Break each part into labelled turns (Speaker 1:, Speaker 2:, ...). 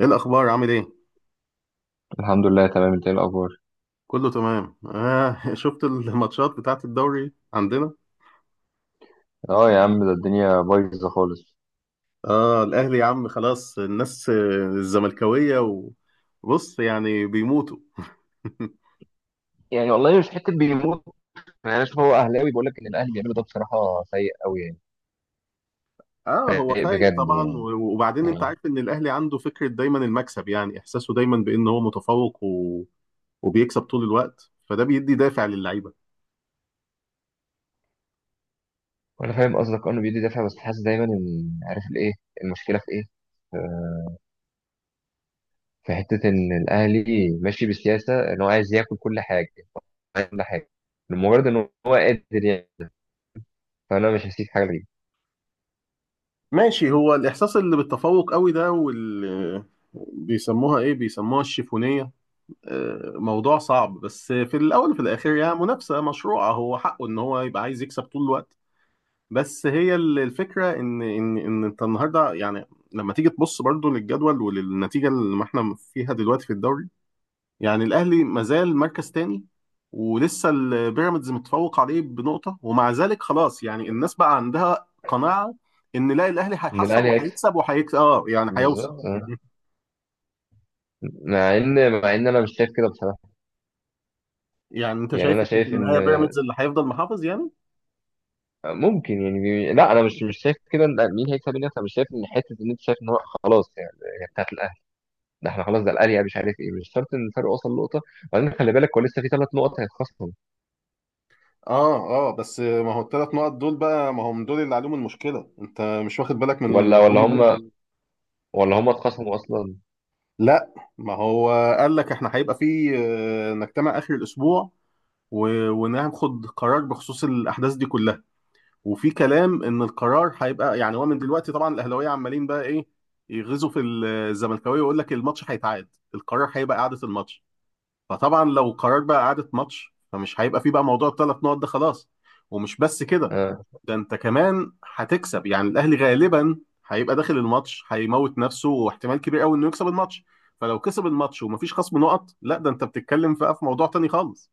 Speaker 1: ايه الاخبار؟ عامل ايه؟
Speaker 2: الحمد لله تمام. انت ايه الاخبار؟
Speaker 1: كله تمام، آه. شفت الماتشات بتاعت الدوري عندنا؟
Speaker 2: اه يا عم، ده الدنيا بايظه خالص.
Speaker 1: اه الاهلي يا عم خلاص الناس، الزملكاويه، وبص يعني بيموتوا.
Speaker 2: يعني والله مش حته بيموت. يعني انا اشوف هو اهلاوي، بيقول لك ان الاهلي بيعملوا ده بصراحه سيء قوي يعني.
Speaker 1: اه هو
Speaker 2: سيء
Speaker 1: فايق
Speaker 2: بجد
Speaker 1: طبعا،
Speaker 2: يعني،
Speaker 1: وبعدين انت
Speaker 2: يعني.
Speaker 1: عارف ان الاهلي عنده فكره دايما المكسب، يعني احساسه دايما بان هو متفوق وبيكسب طول الوقت، فده بيدي دافع للعيبه.
Speaker 2: وانا فاهم قصدك، أه انه بيدي دافع، بس حاسس دايما ان عارف الايه. المشكله في ايه؟ آه، في حته ان الاهلي ماشي بسياسه ان هو عايز ياكل كل حاجه، عايز كل حاجه، لمجرد ان هو قادر يعني. فانا مش هسيب حاجه ليه.
Speaker 1: ماشي، هو الاحساس اللي بالتفوق قوي ده، بيسموها ايه، بيسموها الشيفونيه. موضوع صعب، بس في الاول وفي الاخر يعني منافسه مشروعه، هو حقه ان هو يبقى عايز يكسب طول الوقت. بس هي الفكره ان انت النهارده يعني لما تيجي تبص برضو للجدول وللنتيجه اللي احنا فيها دلوقتي في الدوري، يعني الاهلي مازال مركز تاني، ولسه البيراميدز متفوق عليه بنقطه، ومع ذلك خلاص يعني الناس بقى عندها قناعه ان لا، الاهلي
Speaker 2: ان
Speaker 1: هيحصل
Speaker 2: الاهلي هيكسب،
Speaker 1: وهيكسب وهيكسب، اه يعني هيوصل.
Speaker 2: بالظبط اه. مع ان انا مش شايف كده بصراحه.
Speaker 1: يعني انت
Speaker 2: يعني
Speaker 1: شايف
Speaker 2: انا
Speaker 1: ان في
Speaker 2: شايف ان
Speaker 1: النهايه بيراميدز اللي هيفضل محافظ يعني؟
Speaker 2: ممكن يعني لا، انا مش شايف كده. لا، مين هيكسب مين هيكسب، انا مش شايف ان حته ان انت شايف ان هو خلاص يعني هي بتاعت الاهلي. ده احنا خلاص، ده الاهلي يعني مش عارف ايه، مش شرط ان الفرق وصل نقطه. وبعدين خلي بالك، هو لسه في ثلاث نقط هيتخصموا.
Speaker 1: اه اه، بس ما هو الثلاث نقط دول بقى ما هم دول اللي عليهم المشكله، انت مش واخد بالك من
Speaker 2: ولا ولا
Speaker 1: الجون دول؟
Speaker 2: هم ولا هم اتخصموا اصلا.
Speaker 1: لا، ما هو قال لك احنا هيبقى في نجتمع اخر الاسبوع وناخد قرار بخصوص الاحداث دي كلها. وفي كلام ان القرار هيبقى، يعني هو من دلوقتي طبعا الاهلاويه عمالين بقى ايه، يغزوا في الزملكاويه ويقول لك الماتش هيتعاد، القرار هيبقى اعاده الماتش. فطبعا لو قرار بقى اعاده ماتش، فمش هيبقى في بقى موضوع الثلاث نقط ده خلاص. ومش بس كده،
Speaker 2: اه،
Speaker 1: ده انت كمان هتكسب، يعني الاهلي غالبا هيبقى داخل الماتش هيموت نفسه، واحتمال كبير قوي انه يكسب الماتش. فلو كسب الماتش ومفيش خصم نقط، لا ده انت بتتكلم بقى في موضوع تاني خالص.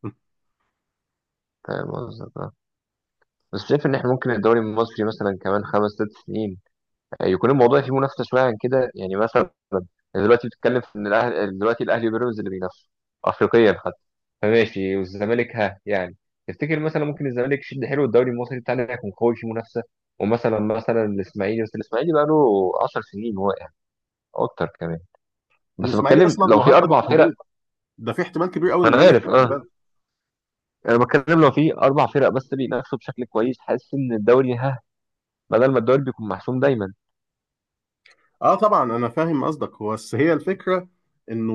Speaker 2: فاهم قصدك اه. بس شايف ان احنا ممكن الدوري المصري مثلا كمان خمس ست سنين يكون الموضوع فيه منافسه شويه عن كده. يعني مثلا دلوقتي بتتكلم في ان الاهلي، دلوقتي الاهلي وبيراميدز اللي بينافسوا، افريقيا حتى. فماشي، والزمالك ها يعني؟ تفتكر مثلا ممكن الزمالك يشد حلو الدوري المصري بتاعنا يكون قوي فيه منافسه؟ ومثلا الاسماعيلي، بس الاسماعيلي بقى له 10 سنين واقع، اكتر كمان. بس
Speaker 1: الاسماعيلي
Speaker 2: بتكلم
Speaker 1: اصلا
Speaker 2: لو في
Speaker 1: مهدد
Speaker 2: اربع فرق.
Speaker 1: بالهبوط، ده في احتمال كبير قوي
Speaker 2: ما
Speaker 1: انه
Speaker 2: انا
Speaker 1: ينزل.
Speaker 2: عارف اه. انا بتكلم لو في اربع فرق بس بينافسوا بشكل كويس، حاسس ان الدوري ها، بدل ما الدوري بيكون محسوم دايما.
Speaker 1: اه طبعا انا فاهم قصدك، هو بس هي الفكره انه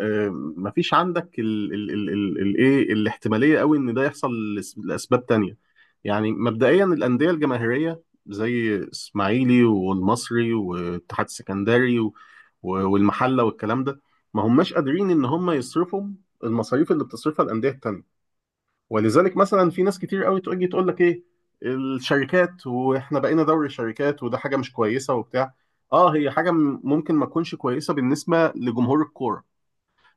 Speaker 1: آه، مفيش عندك ال ال ال ال ال ايه الاحتماليه قوي ان ده يحصل لاسباب تانية. يعني مبدئيا الانديه الجماهيريه زي اسماعيلي والمصري والاتحاد السكندري والمحله والكلام ده، ما هماش قادرين ان هم يصرفوا المصاريف اللي بتصرفها الانديه التانية. ولذلك مثلا في ناس كتير قوي تيجي تقول لك ايه، الشركات، واحنا بقينا دوري الشركات، وده حاجه مش كويسه وبتاع. اه، هي حاجه ممكن ما تكونش كويسه بالنسبه لجمهور الكوره،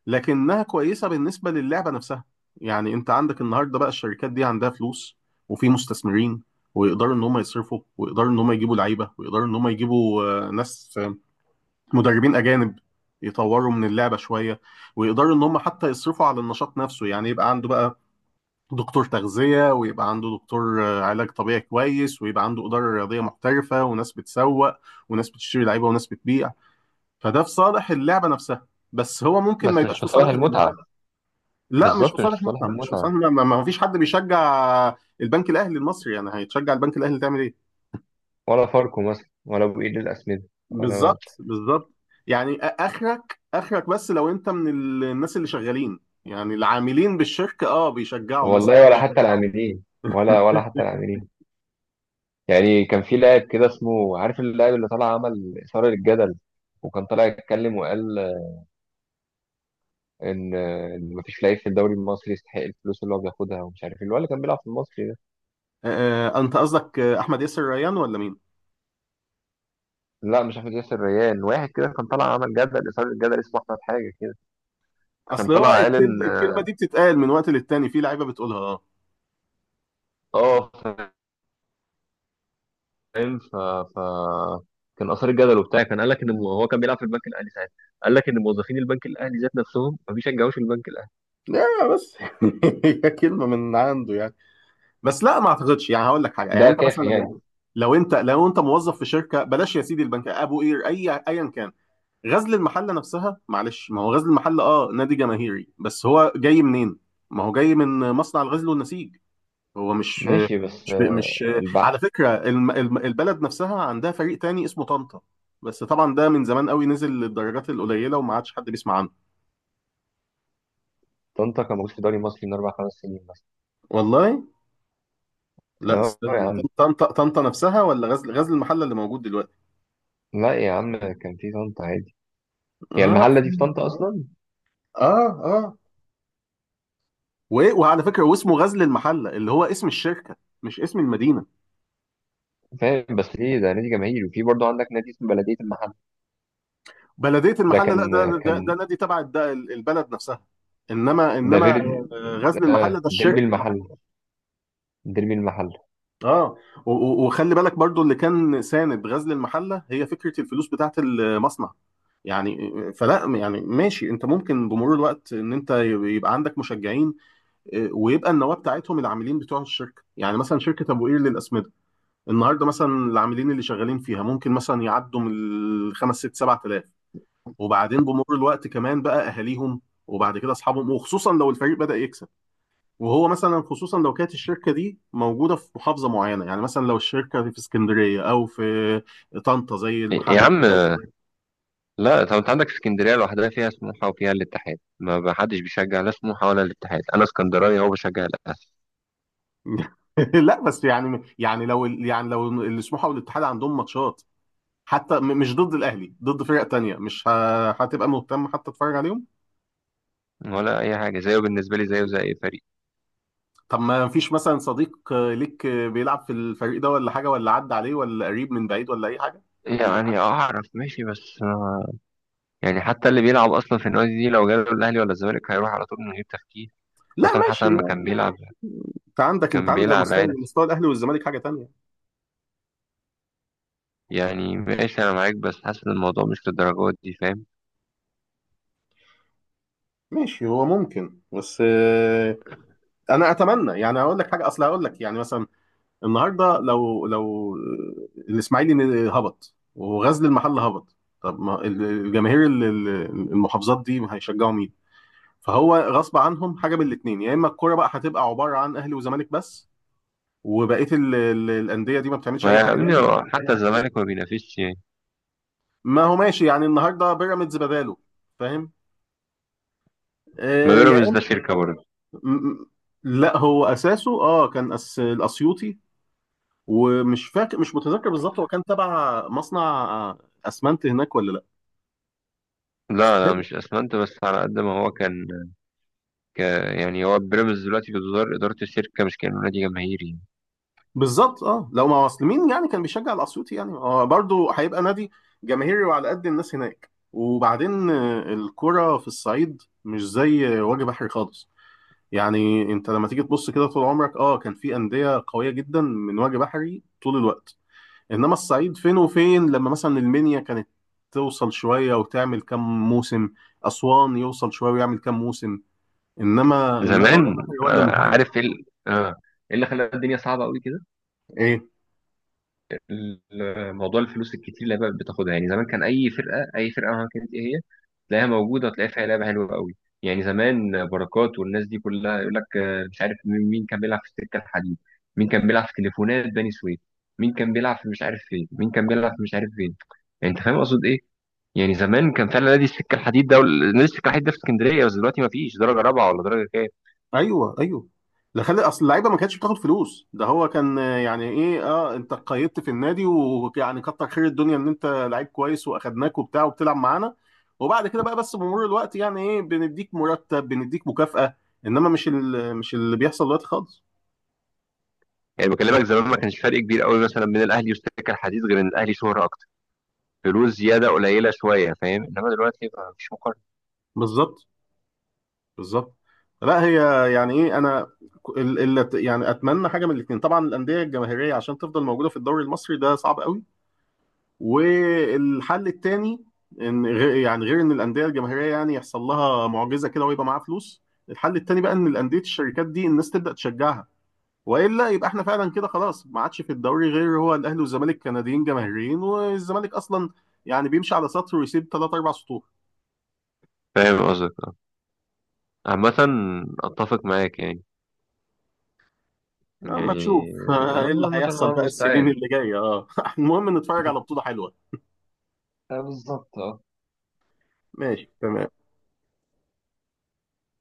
Speaker 1: لكنها كويسه بالنسبه للعبه نفسها. يعني انت عندك النهارده بقى الشركات دي عندها فلوس وفي مستثمرين، ويقدروا ان هم يصرفوا، ويقدروا ان هم يجيبوا لعيبه، ويقدروا ان هم يجيبوا ناس، مدربين اجانب يطوروا من اللعبه شويه، ويقدروا ان هم حتى يصرفوا على النشاط نفسه، يعني يبقى عنده بقى دكتور تغذية، ويبقى عنده دكتور علاج طبيعي كويس، ويبقى عنده إدارة رياضية محترفة، وناس بتسوق، وناس بتشتري لعيبة، وناس بتبيع. فده في صالح اللعبة نفسها، بس هو ممكن ما
Speaker 2: بس مش
Speaker 1: يبقاش
Speaker 2: في
Speaker 1: في
Speaker 2: صالح
Speaker 1: صالح الجماهير.
Speaker 2: المتعه.
Speaker 1: لا، مش في
Speaker 2: بالظبط، مش في
Speaker 1: صالح
Speaker 2: صالح
Speaker 1: مطعم، مش في
Speaker 2: المتعه.
Speaker 1: صالح ما فيش حد بيشجع البنك الأهلي المصري، يعني هيتشجع البنك الأهلي تعمل إيه؟
Speaker 2: ولا فاركو مثلا، ولا ابو ايد الاسمده. ولا.
Speaker 1: بالظبط، بالظبط. يعني آخرك بس لو أنت من الناس اللي شغالين، يعني العاملين بالشركة اه بيشجعوا مثلا.
Speaker 2: والله ولا حتى العاملين، ولا حتى العاملين. يعني كان في لاعب كده، اسمه عارف، اللاعب اللي طلع عمل اثاره للجدل، وكان طالع يتكلم وقال ان إن مفيش لعيب في الدوري المصري يستحق الفلوس اللي هو بياخدها، ومش عارف ايه اللي هو اللي كان بيلعب في المصري ده.
Speaker 1: انت قصدك احمد ياسر ريان ولا مين؟
Speaker 2: لا مش احمد ياسر ريان، واحد كده كان طالع عمل جدل اثاره للجدل، اسمه احمد حاجه كده. كان
Speaker 1: اصل هو
Speaker 2: طالع قال ان،
Speaker 1: الكلمه، الكلمه دي بتتقال من وقت للتاني، في لعيبه بتقولها اه.
Speaker 2: اه فاهم. ف... كان اثار الجدل وبتاع. كان قال لك ان هو كان بيلعب في البنك الاهلي ساعتها. قال لك ان موظفين البنك الاهلي ذات نفسهم ما بيشجعوش البنك الاهلي.
Speaker 1: لا بس هي كلمة من عنده يعني. بس لا، ما اعتقدش. يعني هقول لك حاجه، يعني
Speaker 2: ده
Speaker 1: انت
Speaker 2: كافي
Speaker 1: مثلا
Speaker 2: يعني.
Speaker 1: لو انت موظف في شركه، بلاش يا سيدي البنك ابو قير، اي ايا كان، غزل المحله نفسها، معلش ما هو غزل المحله اه نادي جماهيري، بس هو جاي منين؟ ما هو جاي من مصنع الغزل والنسيج، هو مش
Speaker 2: ماشي بس
Speaker 1: مش مش
Speaker 2: البع.
Speaker 1: على فكرة البلد نفسها عندها فريق تاني اسمه طنطا، بس طبعا ده من زمان قوي نزل للدرجات القليلة وما عادش حد بيسمع عنه.
Speaker 2: طنطا كان موجود في الدوري المصري من أربع خمس سنين مثلا.
Speaker 1: والله، لا
Speaker 2: اه يا
Speaker 1: استنى،
Speaker 2: عم.
Speaker 1: طنطا، طنطا نفسها ولا غزل المحلة اللي موجود دلوقتي؟
Speaker 2: لا يا عم، كان في طنطا عادي. هي
Speaker 1: اه
Speaker 2: المحلة دي في طنطا أصلا.
Speaker 1: اه اه، وعلى فكرة واسمه غزل المحلة اللي هو اسم الشركة، مش اسم المدينة.
Speaker 2: فاهم، بس ليه ده نادي جماهيري، وفي برضه عندك نادي اسمه بلدية المحل؟
Speaker 1: بلدية
Speaker 2: ده
Speaker 1: المحلة، لا
Speaker 2: كان
Speaker 1: ده
Speaker 2: كان
Speaker 1: نادي تبع البلد نفسها،
Speaker 2: ده
Speaker 1: انما
Speaker 2: فيردي.
Speaker 1: غزل المحلة ده
Speaker 2: ديربي
Speaker 1: الشركة.
Speaker 2: المحل، ديربي المحل.
Speaker 1: اه وخلي بالك برضو اللي كان ساند غزل المحله هي فكره الفلوس بتاعه المصنع، يعني فلا يعني ماشي انت ممكن بمرور الوقت ان انت يبقى عندك مشجعين، اه، ويبقى النواه بتاعتهم العاملين بتوع الشركه، يعني مثلا شركه ابو قير للاسمده النهارده مثلا العاملين اللي شغالين فيها ممكن مثلا يعدوا من الخمس ست سبعة آلاف، وبعدين بمرور الوقت كمان بقى اهاليهم، وبعد كده اصحابهم، وخصوصا لو الفريق بدأ يكسب، وهو مثلا خصوصا لو كانت الشركه دي موجوده في محافظه معينه، يعني مثلا لو الشركه في اسكندريه او في طنطا زي
Speaker 2: يا
Speaker 1: المحل.
Speaker 2: عم، لا. طب انت عندك اسكندريه لوحدها فيها سموحه وفيها الاتحاد. ما حدش بيشجع لا سموحه ولا الاتحاد. انا اسكندراني، هو بشجع الاهلي.
Speaker 1: لا بس لو السموحه والاتحاد عندهم ماتشات، حتى مش ضد الاهلي، ضد فرق تانية، مش هتبقى مهتم حتى تتفرج عليهم.
Speaker 2: ولا اي حاجه، زيه بالنسبه لي زيه زي اي فريق.
Speaker 1: طب ما فيش مثلا صديق ليك بيلعب في الفريق ده ولا حاجه، ولا عدى عليه، ولا قريب من بعيد ولا اي حاجه؟
Speaker 2: يعني اعرف ماشي بس يعني حتى اللي بيلعب اصلا في النادي دي لو جاله الاهلي ولا الزمالك هيروح على طول من غير تفكير.
Speaker 1: لا
Speaker 2: حسام
Speaker 1: ماشي،
Speaker 2: حسن ما كان بيلعب،
Speaker 1: انت
Speaker 2: كان
Speaker 1: عندك
Speaker 2: بيلعب عادي.
Speaker 1: مستوى الاهلي والزمالك حاجه تانية.
Speaker 2: يعني ماشي انا معاك، بس حاسس ان الموضوع مش للدرجات دي، فاهم.
Speaker 1: ماشي، هو ممكن بس انا اتمنى، يعني اقول لك حاجه، اصل هقول لك يعني مثلا النهارده، لو الاسماعيلي هبط وغزل المحله هبط، طب ما الجماهير المحافظات دي هيشجعوا مين؟ فهو غصب عنهم، حاجه من الاثنين، يا اما الكوره بقى هتبقى عباره عن اهلي وزمالك بس، وبقيه الانديه دي ما بتعملش
Speaker 2: ما
Speaker 1: اي حاجه ثانيه.
Speaker 2: يعني حتى الزمالك ما بينافسش يعني.
Speaker 1: ما هو ماشي، يعني النهارده بيراميدز بداله، فاهم؟
Speaker 2: ما
Speaker 1: آه، يا
Speaker 2: بيراميدز ده
Speaker 1: اما
Speaker 2: شركه برضه.
Speaker 1: م- م- لا، هو اساسه اه كان أس الاسيوطي، ومش فاكر، مش متذكر بالظبط، هو كان تبع مصنع اسمنت هناك ولا لا،
Speaker 2: لا لا
Speaker 1: ستيل.
Speaker 2: مش اسمنت، بس على قد ما هو كان. ك- يعني هو بيراميدز دلوقتي بتدار إدارة الشركة، مش كأنه نادي جماهيري يعني.
Speaker 1: بالظبط اه، لو ما اصل مين يعني كان بيشجع الاسيوطي، يعني هو برضه هيبقى نادي جماهيري، وعلى قد الناس هناك. وبعدين الكرة في الصعيد مش زي وجه بحري خالص، يعني انت لما تيجي تبص كده طول عمرك اه كان في انديه قويه جدا من وجه بحري طول الوقت، الصعيد فين وفين، لما مثلا المنيا كانت توصل شويه وتعمل كام موسم، اسوان يوصل شويه ويعمل كام موسم، انما وجه
Speaker 2: زمان.
Speaker 1: واحد هو دمهاي.
Speaker 2: عارف ايه ايه اللي خلى الدنيا صعبة قوي كده؟
Speaker 1: ايه؟
Speaker 2: موضوع الفلوس الكتير اللي بقى بتاخدها يعني. زمان كان أي فرقة، أي فرقة، مهما كانت ايه هي، تلاقيها موجودة وتلاقي فيها لعبة حلوة قوي. يعني زمان بركات والناس دي كلها، يقول لك مش عارف مين، مين كان بيلعب في السكة الحديد، مين كان بيلعب في تليفونات بني سويف، مين كان بيلعب في مش عارف فين، مين كان بيلعب في مش عارف فين. يعني انت فاهم اقصد ايه. يعني زمان كان فعلا نادي السكه الحديد ده، نادي السكه الحديد ده في اسكندريه. بس دلوقتي ما فيش درجه رابعه ولا درجه كام.
Speaker 1: ايوه، ايوه. لا، خلي اصل اللعيبه ما كانتش بتاخد فلوس، ده هو كان يعني ايه اه، انت قيدت في النادي، ويعني كتر خير الدنيا ان انت لعيب كويس، واخدناك وبتاع وبتلعب معانا، وبعد كده بقى بس بمرور الوقت يعني ايه بنديك مرتب، بنديك مكافأة، انما مش اللي بيحصل دلوقتي خالص.
Speaker 2: يعني بكلمك زمان ما كانش فرق كبير قوي مثلا بين الاهلي والسكه الحديد، غير ان الاهلي شهره اكتر، فلوس زياده قليله شويه، فاهم. انما دلوقتي ما فيش مقارنه.
Speaker 1: بالظبط، بالظبط. لا هي، يعني ايه، انا يعني اتمنى حاجه من الاثنين، طبعا الانديه الجماهيريه عشان تفضل موجوده في الدوري المصري ده صعب قوي، والحل الثاني ان غير، يعني غير ان الانديه الجماهيريه يعني يحصل لها معجزه كده ويبقى معاها فلوس، الحل الثاني بقى ان الانديه الشركات دي الناس تبدا تشجعها، والا يبقى احنا فعلا كده خلاص ما عادش في الدوري غير هو الاهلي والزمالك كنديين جماهيريين. والزمالك اصلا يعني بيمشي على سطر ويسيب ثلاث اربع سطور.
Speaker 2: فاهم قصدك اه. عامه، اتفق معاك يعني،
Speaker 1: اما نشوف
Speaker 2: يعني.
Speaker 1: ايه اللي
Speaker 2: الله، مثلا الله
Speaker 1: هيحصل بقى السنين
Speaker 2: المستعان.
Speaker 1: اللي جايه، اه المهم نتفرج على بطوله حلوه.
Speaker 2: بالظبط.
Speaker 1: ماشي، تمام.